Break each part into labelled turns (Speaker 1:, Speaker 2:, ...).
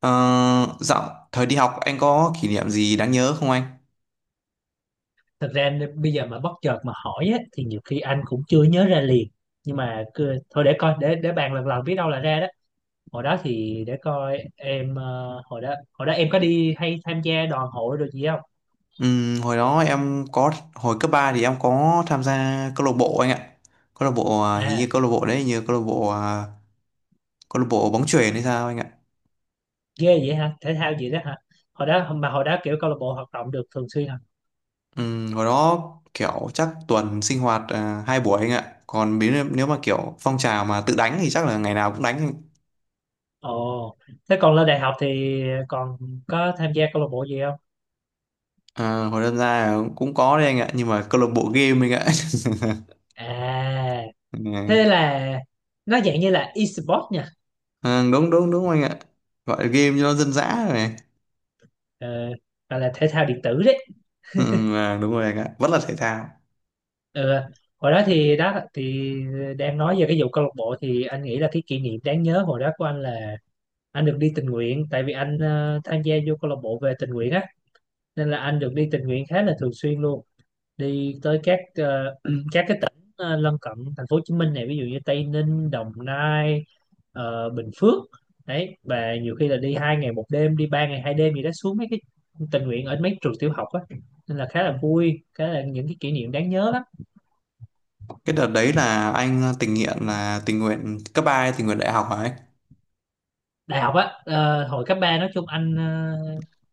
Speaker 1: Ờ, Dạo thời đi học anh có kỷ niệm gì đáng nhớ không anh?
Speaker 2: Thật ra bây giờ mà bất chợt mà hỏi á, thì nhiều khi anh cũng chưa nhớ ra liền. Nhưng mà cứ, thôi để coi, để bàn lần lần biết đâu là ra đó. Hồi đó thì để coi em, hồi đó em có đi hay tham gia đoàn hội rồi gì không?
Speaker 1: Hồi đó em có hồi cấp 3 thì em có tham gia câu lạc bộ anh ạ. Câu lạc bộ à, hình
Speaker 2: À,
Speaker 1: như câu lạc bộ đấy hình như câu lạc bộ à, câu lạc bộ bóng chuyền hay sao anh ạ.
Speaker 2: ghê vậy hả, thể thao gì đó hả? Hồi đó kiểu câu lạc bộ hoạt động được thường xuyên hả?
Speaker 1: Hồi đó kiểu chắc tuần sinh hoạt à, 2 buổi anh ạ. Còn nếu nếu mà kiểu phong trào mà tự đánh thì chắc là ngày nào cũng đánh anh.
Speaker 2: Ồ, thế còn lên đại học thì còn có tham gia câu lạc bộ gì không?
Speaker 1: À, hồi đơn ra cũng có đấy anh ạ nhưng mà câu lạc bộ game anh ạ.
Speaker 2: À, thế
Speaker 1: Ừ.
Speaker 2: là nó dạng như là e-sport nha.
Speaker 1: À, đúng đúng đúng anh ạ, gọi là game cho nó dân dã rồi.
Speaker 2: ờ, gọi là thể thao điện tử đấy.
Speaker 1: Ừ, à, đúng rồi anh ạ, vẫn là thể thao.
Speaker 2: Ừ. Hồi đó thì đang nói về cái vụ câu lạc bộ thì anh nghĩ là cái kỷ niệm đáng nhớ hồi đó của anh là anh được đi tình nguyện, tại vì anh tham gia vô câu lạc bộ về tình nguyện á, nên là anh được đi tình nguyện khá là thường xuyên luôn. Đi tới các cái tỉnh lân cận thành phố Hồ Chí Minh này, ví dụ như Tây Ninh, Đồng Nai, Bình Phước đấy, và nhiều khi là đi 2 ngày 1 đêm, đi 3 ngày 2 đêm gì đó, xuống mấy cái tình nguyện ở mấy trường tiểu học á, nên là khá
Speaker 1: Ừ.
Speaker 2: là vui, khá là những cái kỷ niệm đáng nhớ.
Speaker 1: Cái đợt đấy là anh à, tình nguyện là tình nguyện cấp ba hay tình nguyện đại học hả anh?
Speaker 2: Đại học á. Ờ, hồi cấp 3 nói chung anh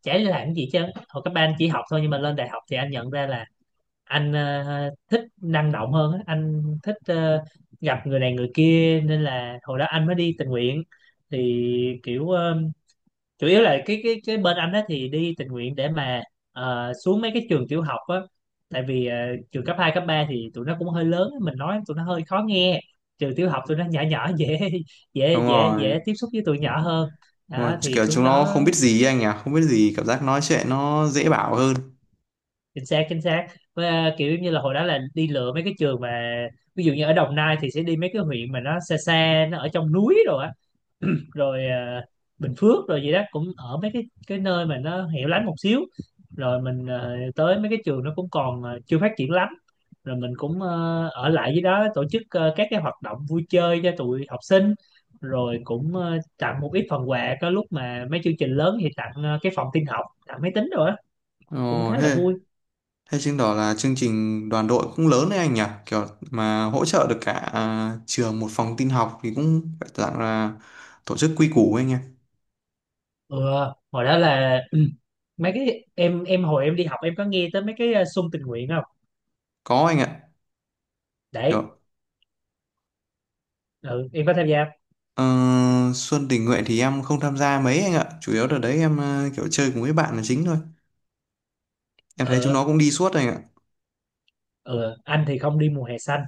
Speaker 2: chả đi làm cái gì chứ, hồi cấp 3 anh chỉ học thôi. Nhưng mà lên đại học thì anh nhận ra là anh thích năng động hơn á. Anh thích gặp người này người kia, nên là hồi đó anh mới đi tình nguyện. Thì kiểu chủ yếu là cái bên anh đó thì đi tình nguyện để mà xuống mấy cái trường tiểu học á. Tại vì trường cấp 2 cấp 3 thì tụi nó cũng hơi lớn á, mình nói tụi nó hơi khó nghe. Trường tiểu học tụi nó nhỏ nhỏ, dễ,
Speaker 1: Đúng
Speaker 2: dễ dễ
Speaker 1: rồi,
Speaker 2: dễ tiếp xúc với tụi nhỏ hơn.
Speaker 1: đúng rồi.
Speaker 2: Đó thì
Speaker 1: Kiểu
Speaker 2: xuống
Speaker 1: chúng nó
Speaker 2: đó.
Speaker 1: không biết gì ấy anh nhỉ, không biết gì, cảm giác nói chuyện nó dễ bảo hơn.
Speaker 2: Chính xác, chính xác. Với, kiểu như là hồi đó là đi lựa mấy cái trường mà, ví dụ như ở Đồng Nai thì sẽ đi mấy cái huyện mà nó xa xa, nó ở trong núi, rồi rồi à, Bình Phước rồi gì đó, cũng ở mấy cái nơi mà nó hẻo lánh một xíu. Rồi mình tới mấy cái trường nó cũng còn chưa phát triển lắm. Rồi mình cũng ở lại với đó tổ chức các cái hoạt động vui chơi cho tụi học sinh. Rồi cũng tặng một ít phần quà, có lúc mà mấy chương trình lớn thì tặng cái phòng tin học, tặng máy tính rồi á, cũng
Speaker 1: Ồ,
Speaker 2: khá là
Speaker 1: thế
Speaker 2: vui.
Speaker 1: thế chứng tỏ là chương trình đoàn đội cũng lớn đấy anh nhỉ, kiểu mà hỗ trợ được cả à, trường một phòng tin học thì cũng phải dạng là tổ chức quy củ ấy anh nhỉ.
Speaker 2: Ừ, hồi đó là mấy cái em hồi em đi học em có nghe tới mấy cái xung tình nguyện không?
Speaker 1: Có anh ạ,
Speaker 2: Đấy.
Speaker 1: kiểu
Speaker 2: Ừ, em có tham gia không?
Speaker 1: ờ, Xuân tình nguyện thì em không tham gia mấy anh ạ, chủ yếu đợt đấy em kiểu chơi cùng với bạn là chính thôi. Em
Speaker 2: Ừ.
Speaker 1: thấy chúng nó cũng đi suốt anh ạ.
Speaker 2: Ừ, anh thì không đi mùa hè xanh,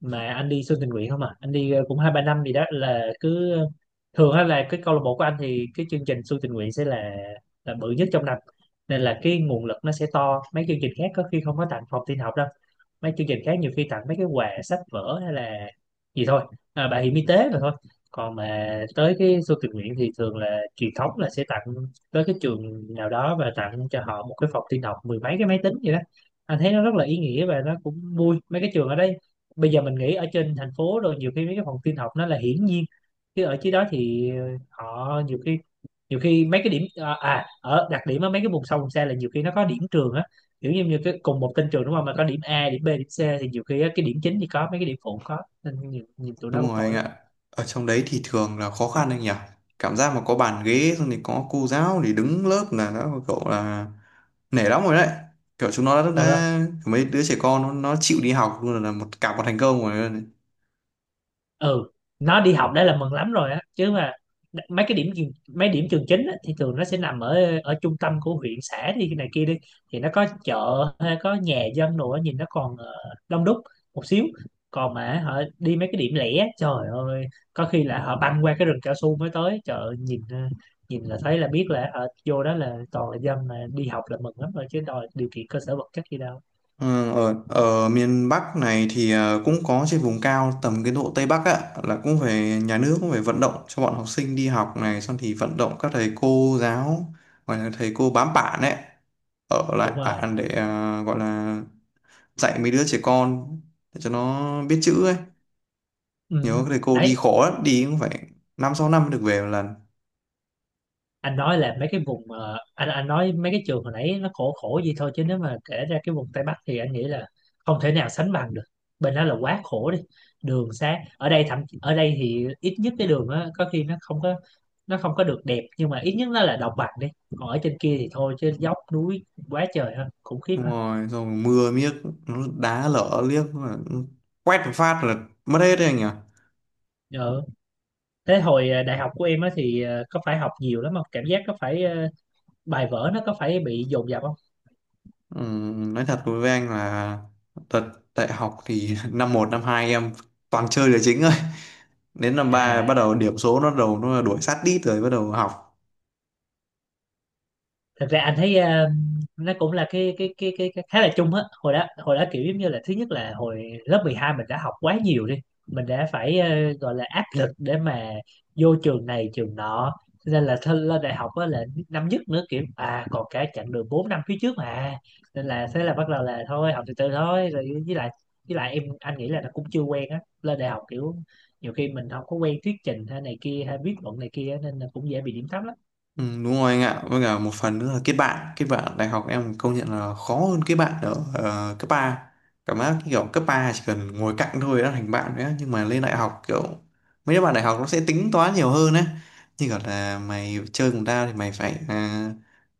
Speaker 2: mà anh đi xuân tình nguyện không à. Anh đi cũng 2-3 năm gì đó, là cứ thường á, là cái câu lạc bộ của anh thì cái chương trình xuân tình nguyện sẽ là bự nhất trong năm, nên là cái nguồn lực nó sẽ to, mấy chương trình khác có khi không có tặng phòng tin học đâu. Mấy chương trình khác nhiều khi tặng mấy cái quà sách vở hay là gì thôi. À, bảo hiểm y tế mà thôi. Còn mà tới cái Xuân tình nguyện thì thường là truyền thống là sẽ tặng tới cái trường nào đó, và tặng cho họ một cái phòng tin học 10 mấy cái máy tính vậy đó. Anh thấy nó rất là ý nghĩa, và nó cũng vui. Mấy cái trường ở đây bây giờ mình nghĩ ở trên thành phố rồi, nhiều khi mấy cái phòng tin học nó là hiển nhiên, chứ ở dưới đó thì họ nhiều khi, nhiều khi mấy cái điểm ở đặc điểm ở mấy cái vùng sâu vùng xa là nhiều khi nó có điểm trường á. Kiểu như như cái cùng một tên trường đúng không, mà có điểm A, điểm B, điểm C, thì nhiều khi á, cái điểm chính thì có, mấy cái điểm phụ không có, nên nhìn tụi nó
Speaker 1: Đúng
Speaker 2: cũng
Speaker 1: rồi
Speaker 2: tội
Speaker 1: anh
Speaker 2: lắm.
Speaker 1: ạ. Ở trong đấy thì thường là khó khăn anh nhỉ. Cảm giác mà có bàn ghế xong thì có cô giáo thì đứng lớp là đã cậu là nể lắm rồi đấy. Kiểu chúng nó đã,
Speaker 2: Ừ.
Speaker 1: đã mấy đứa trẻ con nó chịu đi học luôn là cả một thành công rồi. Đấy.
Speaker 2: Ừ, nó đi học đã là mừng lắm rồi á, chứ mà đ- mấy cái điểm trường- mấy điểm trường chính á, thì thường nó sẽ nằm ở ở trung tâm của huyện xã đi cái này kia đi, thì nó có chợ hay có nhà dân đồ á, nhìn nó còn đông đúc một xíu. Còn mà họ đi mấy cái điểm lẻ, trời ơi, có khi là họ băng qua cái rừng cao su mới tới chợ. Nhìn nhìn là thấy là biết là họ vô đó là toàn là dân mà đi học là mừng lắm rồi, chứ đòi điều kiện cơ sở vật chất gì đâu.
Speaker 1: Ở miền Bắc này thì cũng có trên vùng cao tầm cái độ Tây Bắc á là cũng phải, nhà nước cũng phải vận động cho bọn học sinh đi học này, xong thì vận động các thầy cô giáo, gọi là thầy cô bám bản ấy, ở lại
Speaker 2: Đúng rồi.
Speaker 1: bản để gọi là dạy mấy đứa trẻ con để cho nó biết chữ ấy.
Speaker 2: Ừ.
Speaker 1: Nhớ thầy cô đi
Speaker 2: Đấy,
Speaker 1: khó lắm, đi cũng phải 5 6 năm mới được về một lần.
Speaker 2: anh nói là mấy cái vùng, anh nói mấy cái trường hồi nãy nó khổ khổ gì thôi chứ, nếu mà kể ra cái vùng Tây Bắc thì anh nghĩ là không thể nào sánh bằng được, bên đó là quá khổ đi. Đường xá ở đây ở đây thì ít nhất cái đường á, có khi nó không có, nó không có được đẹp, nhưng mà ít nhất nó là đồng bằng đi. Còn ở trên kia thì thôi chứ, dốc núi quá trời ha, khủng khiếp
Speaker 1: Đúng
Speaker 2: ha.
Speaker 1: rồi, rồi mưa miếc, nó đá lở liếc mà quét một phát là mất hết đấy anh nhỉ.
Speaker 2: Ừ. Thế hồi đại học của em á thì có phải học nhiều lắm không, cảm giác có phải bài vở nó có phải bị dồn dập không?
Speaker 1: Ừ, nói thật với anh là thật đại học thì năm 1 năm 2 em toàn chơi là chính thôi. Đến năm 3 bắt
Speaker 2: À,
Speaker 1: đầu điểm số nó đuổi sát đít rồi bắt đầu học.
Speaker 2: thật ra anh thấy nó cũng là cái khá là chung á. Hồi đó kiểu giống như là thứ nhất là hồi lớp 12 mình đã học quá nhiều đi, mình đã phải gọi là áp lực để mà vô trường này trường nọ. Cho nên là thân lên đại học á là năm nhất nữa, kiểu à, còn cả chặng đường 4 năm phía trước mà, nên là thế là bắt đầu là thôi học từ từ thôi. Rồi với lại, em, anh nghĩ là nó cũng chưa quen á lên đại học, kiểu nhiều khi mình không có quen thuyết trình hay này kia, hay viết luận này kia, nên là cũng dễ bị điểm thấp lắm.
Speaker 1: Ừ, đúng rồi anh ạ, với cả một phần nữa là kết bạn, kết bạn đại học em công nhận là khó hơn kết bạn ở cấp 3. Cảm giác cái kiểu cấp 3 chỉ cần ngồi cạnh thôi đã thành bạn nữa, nhưng mà lên đại học kiểu mấy đứa bạn đại học nó sẽ tính toán nhiều hơn á, như kiểu là mày chơi cùng tao thì mày phải à,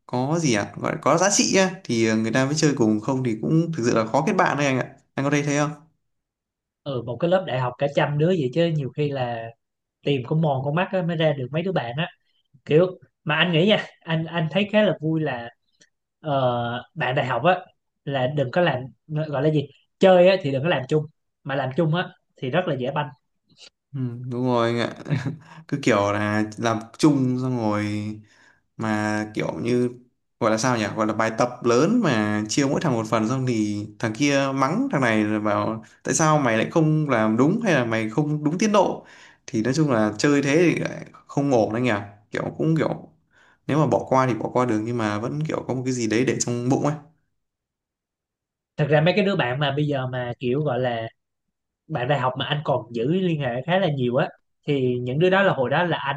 Speaker 1: có gì ạ, gọi là có giá trị á thì người ta mới chơi cùng, không thì cũng thực sự là khó kết bạn đấy anh ạ, anh có thấy thế không?
Speaker 2: Ừ, một cái lớp đại học cả 100 đứa vậy chứ nhiều khi là tìm con mòn con mắt á, mới ra được mấy đứa bạn á. Kiểu, mà anh nghĩ nha, anh thấy khá là vui là bạn đại học á là đừng có làm, gọi là gì, chơi á thì đừng có làm chung, mà làm chung á thì rất là dễ banh.
Speaker 1: Ừ, đúng rồi anh ạ. Cứ kiểu là làm chung xong rồi mà kiểu như gọi là sao nhỉ, gọi là bài tập lớn mà chia mỗi thằng một phần, xong thì thằng kia mắng thằng này là bảo tại sao mày lại không làm đúng hay là mày không đúng tiến độ, thì nói chung là chơi thế thì lại không ổn anh nhỉ. Kiểu cũng kiểu nếu mà bỏ qua thì bỏ qua được nhưng mà vẫn kiểu có một cái gì đấy để trong bụng ấy.
Speaker 2: Thật ra mấy cái đứa bạn mà bây giờ mà kiểu gọi là bạn đại học mà anh còn giữ liên hệ khá là nhiều á, thì những đứa đó là hồi đó là anh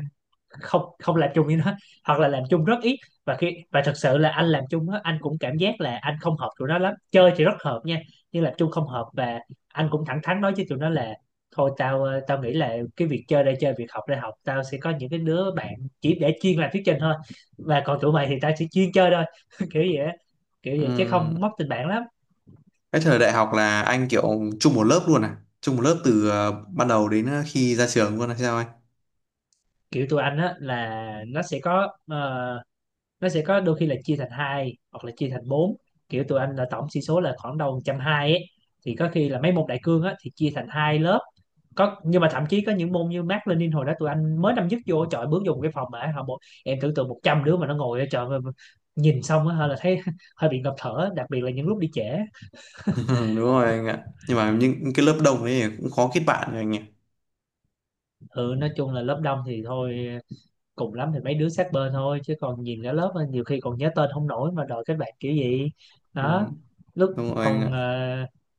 Speaker 2: không không làm chung với nó, hoặc là làm chung rất ít. Và khi và thật sự là anh làm chung á, anh cũng cảm giác là anh không hợp tụi nó lắm, chơi thì rất hợp nha, nhưng làm chung không hợp. Và anh cũng thẳng thắn nói với tụi nó là thôi, tao nghĩ là cái việc chơi đây chơi, việc học đây học, tao sẽ có những cái đứa bạn chỉ để chuyên làm thuyết trình thôi, và còn tụi mày thì tao chỉ chuyên chơi thôi, kiểu vậy á. Kiểu vậy chứ
Speaker 1: Ừm,
Speaker 2: không mất tình bạn lắm.
Speaker 1: cái thời đại học là anh kiểu chung một lớp luôn à, chung một lớp từ ban đầu đến khi ra trường luôn hay sao anh?
Speaker 2: Kiểu tụi anh á là nó sẽ có nó sẽ có đôi khi là chia thành hai, hoặc là chia thành bốn. Kiểu tụi anh là tổng sĩ số là khoảng đầu 120 ấy, thì có khi là mấy môn đại cương á thì chia thành 2 lớp. Có, nhưng mà thậm chí có những môn như Mác Lênin hồi đó tụi anh mới năm nhất vô, trời, bước vô một cái phòng mà họ bộ, em tưởng tượng 100 đứa mà nó ngồi ở, trời ơi, nhìn xong á hơi là thấy hơi bị ngập thở, đặc biệt là những lúc đi trễ.
Speaker 1: Đúng rồi anh ạ, nhưng mà những cái lớp đông ấy cũng khó kết bạn rồi anh
Speaker 2: Ừ, nói chung là lớp đông thì thôi, cùng lắm thì mấy đứa sát bên thôi, chứ còn nhìn cả lớp á, nhiều khi còn nhớ tên không nổi mà đòi kết bạn kiểu gì.
Speaker 1: nhỉ.
Speaker 2: Đó, lúc
Speaker 1: Đúng rồi anh
Speaker 2: còn
Speaker 1: ạ.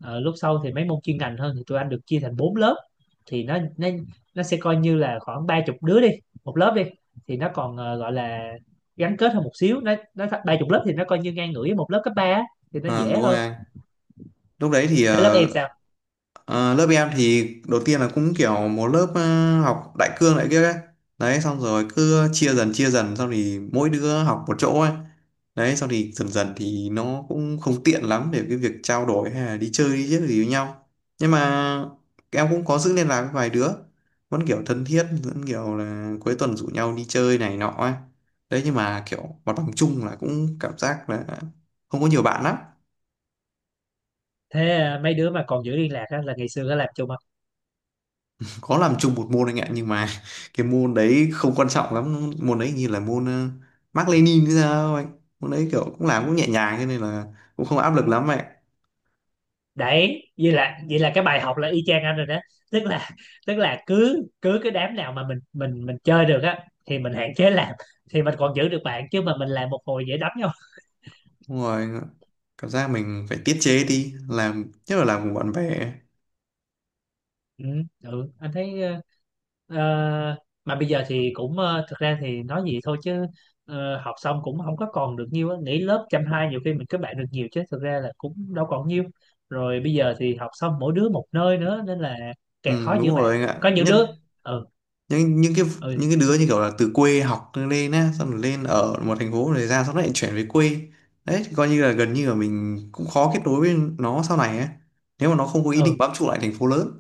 Speaker 2: lúc sau thì mấy môn chuyên ngành hơn thì tụi anh được chia thành 4 lớp, thì nó sẽ coi như là khoảng 30 đứa đi, một lớp đi, thì nó còn gọi là gắn kết hơn một xíu. Nó 30 lớp thì nó coi như ngang ngửa với một lớp cấp ba á, thì nó
Speaker 1: À,
Speaker 2: dễ
Speaker 1: đúng rồi
Speaker 2: hơn.
Speaker 1: anh. Lúc đấy thì
Speaker 2: Thế lớp em sao?
Speaker 1: lớp em thì đầu tiên là cũng kiểu một lớp học đại cương lại kia ấy. Đấy, xong rồi cứ chia dần xong thì mỗi đứa học một chỗ ấy. Đấy, xong thì dần dần thì nó cũng không tiện lắm để cái việc trao đổi hay là đi chơi đi chứ gì với nhau. Nhưng mà em cũng có giữ liên lạc với vài đứa, vẫn kiểu thân thiết, vẫn kiểu là cuối tuần rủ nhau đi chơi này nọ ấy. Đấy, nhưng mà kiểu hoạt động chung là cũng cảm giác là không có nhiều bạn lắm.
Speaker 2: Thế mấy đứa mà còn giữ liên lạc á, là ngày xưa có làm chung.
Speaker 1: Có làm chung một môn anh ạ, nhưng mà cái môn đấy không quan trọng lắm, môn đấy như là môn Mác Lênin hay sao anh, môn đấy kiểu cũng làm cũng nhẹ nhàng cho nên là cũng không áp lực lắm vậy.
Speaker 2: Đấy. Vậy là cái bài học là y chang anh rồi đó. Tức là, cứ cứ cái đám nào mà mình chơi được á thì mình hạn chế làm, thì mình còn giữ được bạn, chứ mà mình làm một hồi dễ đánh nhau.
Speaker 1: Đúng rồi anh ạ, cảm giác mình phải tiết chế đi làm nhất là làm cùng bạn bè.
Speaker 2: Ừ, ừ anh thấy ờ, mà bây giờ thì cũng thực ra thì nói gì thôi chứ, học xong cũng không có còn được nhiêu á, nghỉ lớp chăm hai nhiều khi mình kết bạn được nhiều, chứ thực ra là cũng đâu còn nhiêu. Rồi bây giờ thì học xong mỗi đứa một nơi nữa, nên là càng
Speaker 1: Ừ,
Speaker 2: khó giữ
Speaker 1: đúng
Speaker 2: bạn.
Speaker 1: rồi anh ạ,
Speaker 2: Có những
Speaker 1: nhất
Speaker 2: đứa Ừ,
Speaker 1: những cái
Speaker 2: ừ,
Speaker 1: đứa như kiểu là từ quê học lên á, xong rồi lên ở một thành phố rồi ra, xong lại chuyển về quê, đấy thì coi như là gần như là mình cũng khó kết nối với nó sau này á, nếu mà nó không có ý định
Speaker 2: ừ,
Speaker 1: bám trụ lại thành phố lớn.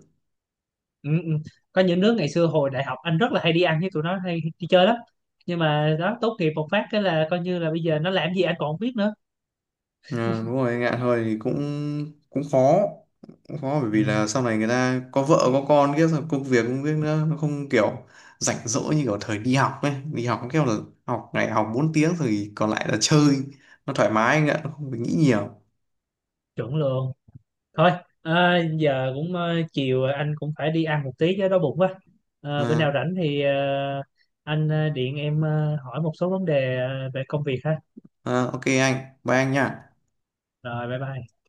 Speaker 2: ừ, ừ. Có những đứa ngày xưa hồi đại học anh rất là hay đi ăn với tụi nó, hay đi chơi lắm, nhưng mà đó, tốt nghiệp một phát cái là coi như là bây giờ nó làm gì anh còn không biết nữa.
Speaker 1: Ờ, đúng rồi, ngạn hơi thì cũng cũng khó, cũng khó bởi
Speaker 2: Ừ,
Speaker 1: vì là sau này người ta có vợ có con kia rồi, công việc nữa nó không kiểu rảnh rỗi như kiểu thời đi học ấy. Đi học kiểu là học ngày học 4 tiếng rồi còn lại là chơi, nó thoải mái anh ạ, nó không phải nghĩ nhiều.
Speaker 2: chuẩn luôn. Thôi, à, giờ cũng chiều rồi, anh cũng phải đi ăn một tí chứ, đói bụng quá. À, bữa nào
Speaker 1: À,
Speaker 2: rảnh thì anh điện em hỏi một số vấn đề về công việc ha.
Speaker 1: à, ok anh, bye anh nha.
Speaker 2: Rồi bye bye.